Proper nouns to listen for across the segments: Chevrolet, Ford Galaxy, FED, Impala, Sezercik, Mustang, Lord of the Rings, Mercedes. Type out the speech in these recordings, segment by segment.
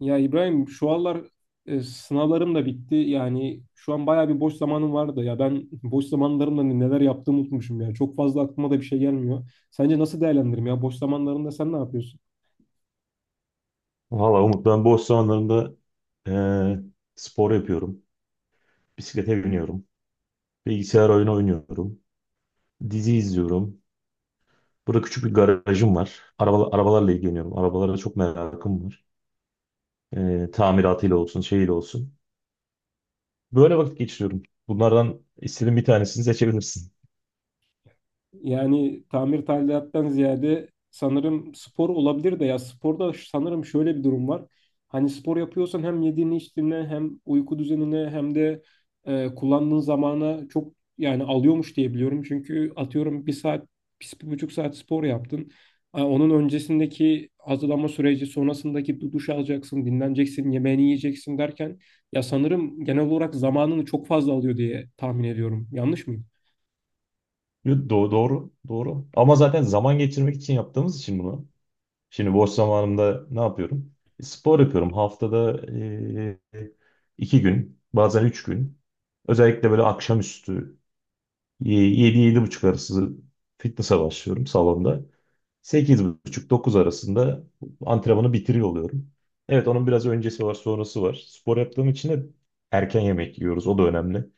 Ya İbrahim şu aralar sınavlarım da bitti. Yani şu an bayağı bir boş zamanım vardı. Ya ben boş zamanlarımda neler yaptığımı unutmuşum ya. Çok fazla aklıma da bir şey gelmiyor. Sence nasıl değerlendiririm ya? Boş zamanlarında sen ne yapıyorsun? Valla Umut ben boş zamanlarımda eee, spor yapıyorum. Bisiklete biniyorum. Bilgisayar oyunu oynuyorum. Dizi izliyorum. Burada küçük bir garajım var. Arabalarla ilgileniyorum. Arabalara çok merakım var. Tamiratıyla olsun, şeyiyle olsun. Böyle vakit geçiriyorum. Bunlardan istediğin bir tanesini seçebilirsin. Yani tamir tadilattan ziyade sanırım spor olabilir de ya sporda sanırım şöyle bir durum var. Hani spor yapıyorsan hem yediğini içtiğine hem uyku düzenine hem de kullandığın zamana çok yani alıyormuş diye biliyorum. Çünkü atıyorum bir saat, bir buçuk saat spor yaptın. Onun öncesindeki hazırlanma süreci, sonrasındaki duş alacaksın, dinleneceksin, yemeğini yiyeceksin derken ya sanırım genel olarak zamanını çok fazla alıyor diye tahmin ediyorum. Yanlış mı? Yo, doğru, doğru. Ama zaten zaman geçirmek için yaptığımız için bunu. Şimdi boş zamanımda ne yapıyorum? Spor yapıyorum. Haftada 2 gün, bazen 3 gün. Özellikle böyle akşamüstü 7-7.30 arası fitness'a başlıyorum salonda. 8.30-9 arasında antrenmanı bitiriyor oluyorum. Evet, onun biraz öncesi var, sonrası var. Spor yaptığım için de erken yemek yiyoruz. O da önemli.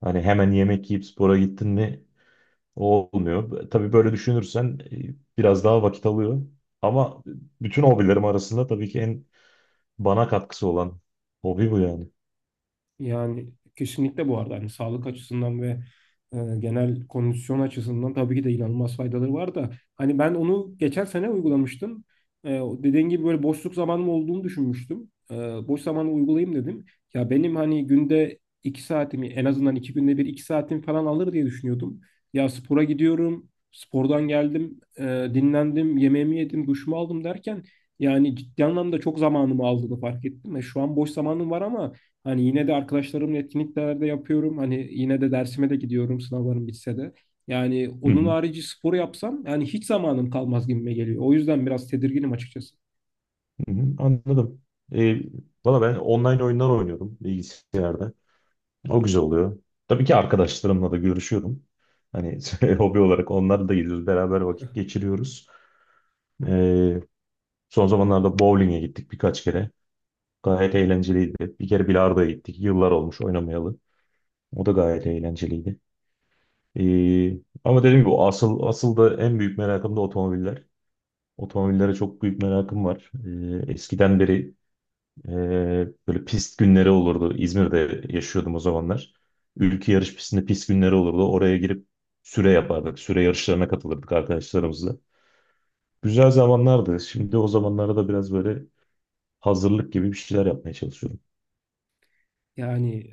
Hani hemen yemek yiyip spora gittin mi? Olmuyor. Tabii böyle düşünürsen biraz daha vakit alıyor. Ama bütün hobilerim arasında tabii ki en bana katkısı olan hobi bu yani. Yani kesinlikle bu arada hani sağlık açısından ve genel kondisyon açısından tabii ki de inanılmaz faydaları var da hani ben onu geçen sene uygulamıştım. O dediğin gibi böyle boşluk zamanım olduğunu düşünmüştüm. Boş zamanı uygulayayım dedim. Ya benim hani günde iki saatimi en azından iki günde bir iki saatim falan alır diye düşünüyordum. Ya spora gidiyorum, spordan geldim, dinlendim, yemeğimi yedim, duşumu aldım derken yani ciddi anlamda çok zamanımı aldığını fark ettim. Şu an boş zamanım var ama hani yine de arkadaşlarımla etkinliklerde yapıyorum. Hani yine de dersime de gidiyorum sınavlarım bitse de. Yani Hı onun hı, harici spor yapsam yani hiç zamanım kalmaz gibime geliyor. O yüzden biraz tedirginim açıkçası. hı hı, anladım. E, valla ben online oyunlar oynuyorum bilgisayarda. O güzel oluyor. Tabii ki arkadaşlarımla da görüşüyorum. Hani hobi olarak onlar da geliyor. Beraber vakit geçiriyoruz. Ee, son zamanlarda bowling'e gittik birkaç kere. Gayet eğlenceliydi. Bir kere bilardoya gittik. Yıllar olmuş oynamayalı. O da gayet eğlenceliydi. Ee, ama dediğim gibi asıl asıl da en büyük merakım da otomobiller. Otomobillere çok büyük merakım var. Eskiden beri e, böyle pist günleri olurdu. İzmir'de yaşıyordum o zamanlar. Ülke yarış pistinde pist günleri olurdu. Oraya girip süre yapardık. Süre yarışlarına katılırdık arkadaşlarımızla. Güzel zamanlardı. Şimdi o zamanlara da biraz böyle hazırlık gibi bir şeyler yapmaya çalışıyorum. Yani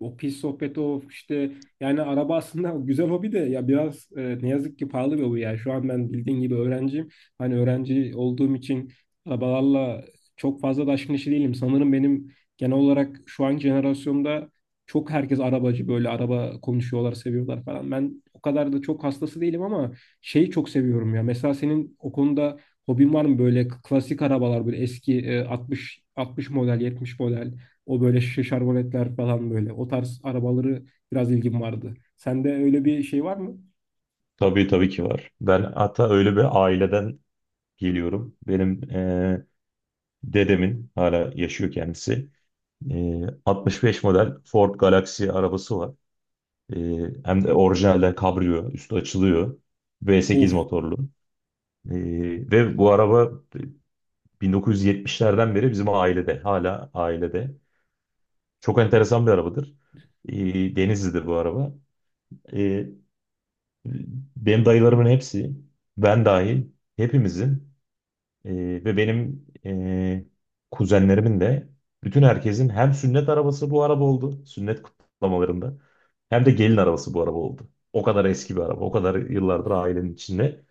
o pis sohbet o işte yani araba aslında güzel hobi de ya biraz ne yazık ki pahalı bir hobi yani şu an ben bildiğin gibi öğrenciyim. Hani öğrenci olduğum için arabalarla çok fazla da aşkın işi değilim. Sanırım benim genel olarak şu an jenerasyonda çok herkes arabacı böyle araba konuşuyorlar seviyorlar falan. Ben o kadar da çok hastası değilim ama şeyi çok seviyorum ya. Mesela senin o konuda hobin var mı böyle klasik arabalar böyle eski 60 model 70 model o böyle şişe şarboletler falan böyle. O tarz arabaları biraz ilgim vardı. Sende öyle bir şey var mı? Tabii, tabii ki var. Ben hatta öyle bir aileden geliyorum. Benim dedemin hala yaşıyor kendisi. 65 model Ford Galaxy arabası var. E, hem de orijinalden kabriyo. Üstü açılıyor. V8 Of. motorlu. E, ve bu araba 1970'lerden beri bizim ailede. Hala ailede. Çok enteresan bir arabadır. Denizli'dir bu araba. E, Benim dayılarımın hepsi, ben dahil, hepimizin, e, ve benim kuzenlerimin de bütün herkesin hem sünnet arabası bu araba oldu, sünnet kutlamalarında hem de gelin arabası bu araba oldu. O kadar eski bir araba, o kadar yıllardır ailenin içinde.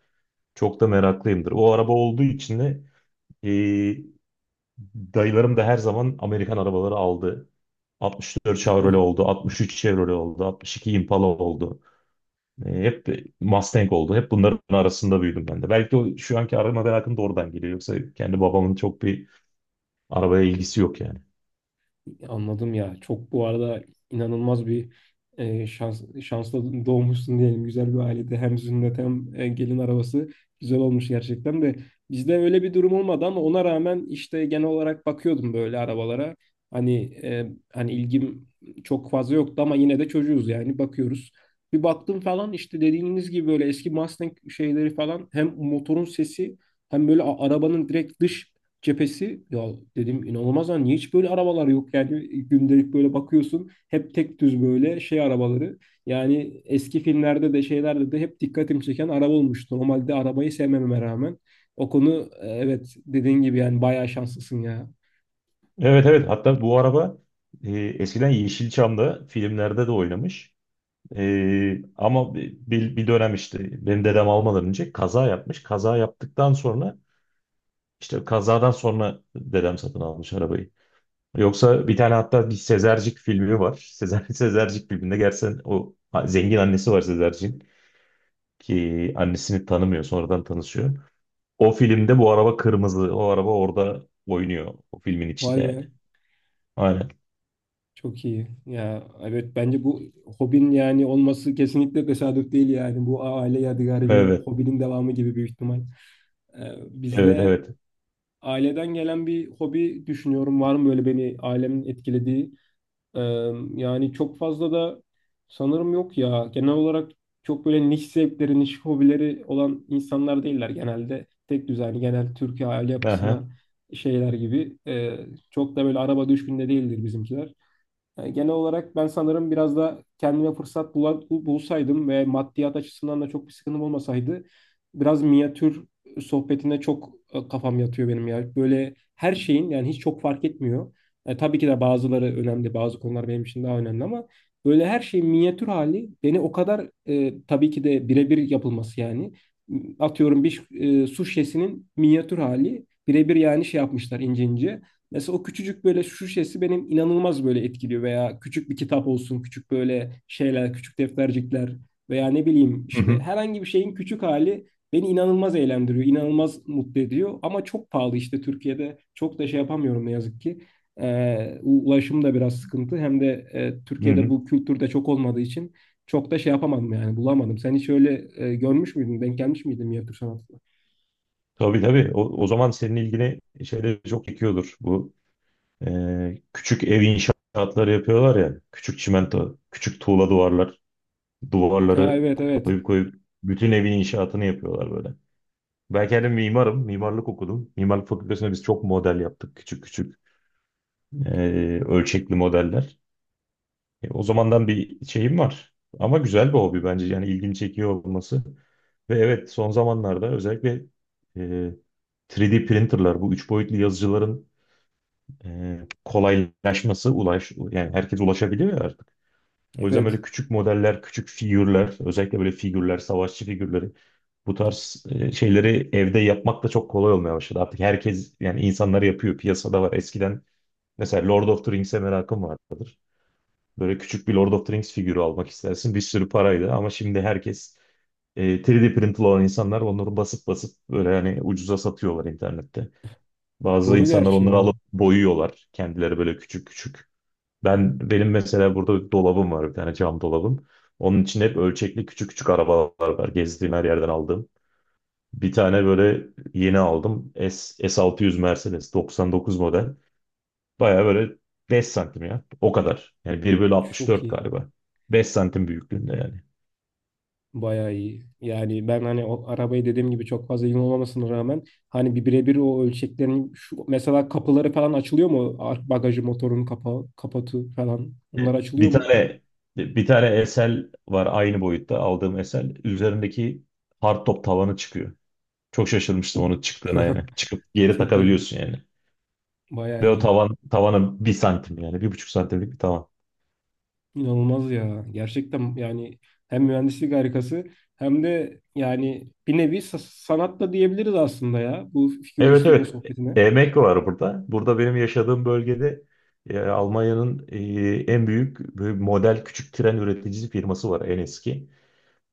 Çok da meraklıyımdır. O araba olduğu için de e, dayılarım da her zaman Amerikan arabaları aldı. 64 Chevrolet oldu, 63 Chevrolet oldu, 62 Impala oldu. Hep de Mustang oldu. Hep bunların arasında büyüdüm ben de. Belki o şu anki araba merakım da oradan geliyor. Yoksa kendi babamın çok bir arabaya ilgisi yok yani. Anladım ya. Çok bu arada inanılmaz bir şanslı doğmuşsun diyelim. Güzel bir ailede hem sünnet hem gelin arabası güzel olmuş gerçekten de. Bizde öyle bir durum olmadı ama ona rağmen işte genel olarak bakıyordum böyle arabalara. Hani ilgim çok fazla yoktu ama yine de çocuğuz yani bakıyoruz. Bir baktım falan işte dediğiniz gibi böyle eski Mustang şeyleri falan hem motorun sesi hem böyle arabanın direkt dış cephesi ya dedim inanılmaz lan niye hiç böyle arabalar yok yani gündelik böyle bakıyorsun hep tek düz böyle şey arabaları yani eski filmlerde de şeylerde de hep dikkatimi çeken araba olmuştu normalde arabayı sevmeme rağmen o konu evet dediğin gibi yani bayağı şanslısın ya Evet, evet, hatta bu araba eskiden Yeşilçam'da filmlerde de oynamış. Ama bir dönem işte benim dedem almadan önce kaza yapmış. Kaza yaptıktan sonra, işte kazadan sonra dedem satın almış arabayı. Yoksa bir tane hatta bir Sezercik filmi var. Sezer, Sezercik filminde gerçekten o zengin annesi var Sezercik'in, ki annesini tanımıyor, sonradan tanışıyor. O filmde bu araba kırmızı. O araba orada oynuyor. O filmin vay içinde yani. be Aynen. çok iyi ya evet bence bu hobin yani olması kesinlikle tesadüf değil yani bu aile yadigarı bir Evet. hobinin devamı gibi büyük ihtimal. Ee, Evet, Bizde evet. aileden gelen bir hobi düşünüyorum. Var mı böyle beni ailemin etkilediği? Ee, Yani çok fazla da sanırım yok ya. Genel olarak çok böyle niş zevkleri, niş hobileri olan insanlar değiller genelde. Tek düzenli, genel Türkiye aile Aha. yapısına şeyler gibi. Çok da böyle araba düşkünde değildir bizimkiler. Yani genel olarak ben sanırım biraz da kendime fırsat bulsaydım ve maddiyat açısından da çok bir sıkıntım olmasaydı biraz minyatür sohbetine çok kafam yatıyor benim ya. Böyle her şeyin yani hiç çok fark etmiyor. Tabii ki de bazıları önemli, bazı konular benim için daha önemli ama böyle her şeyin minyatür hali beni o kadar tabii ki de birebir yapılması yani. Atıyorum bir su şişesinin minyatür hali birebir yani şey yapmışlar ince ince. Mesela o küçücük böyle şu şişesi benim inanılmaz böyle etkiliyor veya küçük bir kitap olsun, küçük böyle şeyler, küçük deftercikler veya ne bileyim Hı işte hı. herhangi bir şeyin küçük hali beni inanılmaz eğlendiriyor, inanılmaz mutlu ediyor ama çok pahalı işte Türkiye'de çok da şey yapamıyorum ne yazık ki. Ee, Ulaşım da biraz sıkıntı hem de Hı Türkiye'de hı. bu kültürde çok olmadığı için çok da şey yapamadım yani bulamadım. Sen hiç öyle görmüş müydün, denk gelmiş miydin minyatür sanatına? Tabii, tabii. O zaman senin ilgini şeyde çok çekiyordur. Bu küçük ev inşaatları yapıyorlar ya. Küçük çimento, küçük tuğla duvarlar. Ha, Duvarları evet evet koyup koyup bütün evin inşaatını yapıyorlar böyle. Ben kendim mimarım. Mimarlık okudum. Mimarlık fakültesinde biz çok model yaptık. Küçük küçük ölçekli modeller. O zamandan bir şeyim var. Ama güzel bir hobi bence. Yani ilgimi çekiyor olması. Ve evet son zamanlarda özellikle eee, 3D printerlar, bu üç boyutlu yazıcıların kolaylaşması, ulaş yani herkes ulaşabiliyor ya artık. O yüzden evet böyle küçük modeller, küçük figürler, özellikle böyle figürler, savaşçı figürleri. Bu tarz şeyleri evde yapmak da çok kolay olmaya başladı. Artık herkes yani insanlar yapıyor. Piyasada var. Eskiden mesela Lord of the Rings'e merakım vardır. Böyle küçük bir Lord of the Rings figürü almak istersin. Bir sürü paraydı ama şimdi herkes, 3D printli olan insanlar onları basıp basıp böyle hani ucuza satıyorlar internette. Bazı doğru insanlar gerçi ya onları alıp boyuyorlar. Kendileri böyle küçük küçük. Ben benim mesela burada dolabım var, bir tane cam dolabım. Onun için hep ölçekli küçük küçük arabalar var. Gezdiğim her yerden aldığım. Bir tane böyle yeni aldım. S600 Mercedes 99 model. Baya böyle 5 santim ya. O kadar. Yani bir bölü çok 64 iyi. galiba. 5 santim büyüklüğünde yani. Bayağı iyi. Yani ben hani o arabayı dediğim gibi çok fazla yığın olmamasına rağmen hani bir birebir o ölçeklerin şu mesela kapıları falan açılıyor mu? Bagajı motorun kapağı, kapatı falan. Onlar açılıyor Bir mu? tane bir tane SL var, aynı boyutta aldığım SL. Üzerindeki hardtop tavanı çıkıyor. Çok şaşırmıştım Çok, onun çıktığına yani. Çıkıp geri çok iyi. takabiliyorsun yani. Bayağı Ve o iyi. tavan tavana 1 santim yani. 1,5 santimlik bir tavan. İnanılmaz ya. Gerçekten yani hem mühendislik harikası hem de yani bir nevi sanat da diyebiliriz aslında ya bu Evet, fikirleştirme evet. sohbetine. Emek var burada. Burada benim yaşadığım bölgede Almanya'nın en büyük böyle model küçük tren üreticisi firması var, en eski.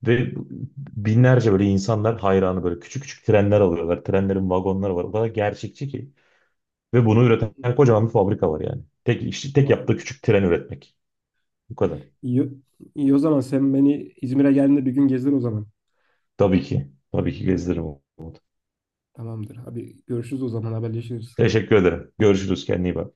Ve binlerce böyle insanlar hayranı, böyle küçük küçük trenler alıyorlar. Trenlerin vagonları var. O kadar gerçekçi ki. Ve bunu üreten kocaman bir fabrika var yani. İşte tek yaptığı Vay. küçük tren üretmek. Bu kadar. İyi, iyi o zaman sen beni İzmir'e geldiğinde bir gün gezdir o zaman. Tabii ki. Tabii ki gezdiririm. Umut. Tamamdır. Hadi görüşürüz o zaman haberleşiriz. Teşekkür ederim. Görüşürüz. Kendine iyi bak.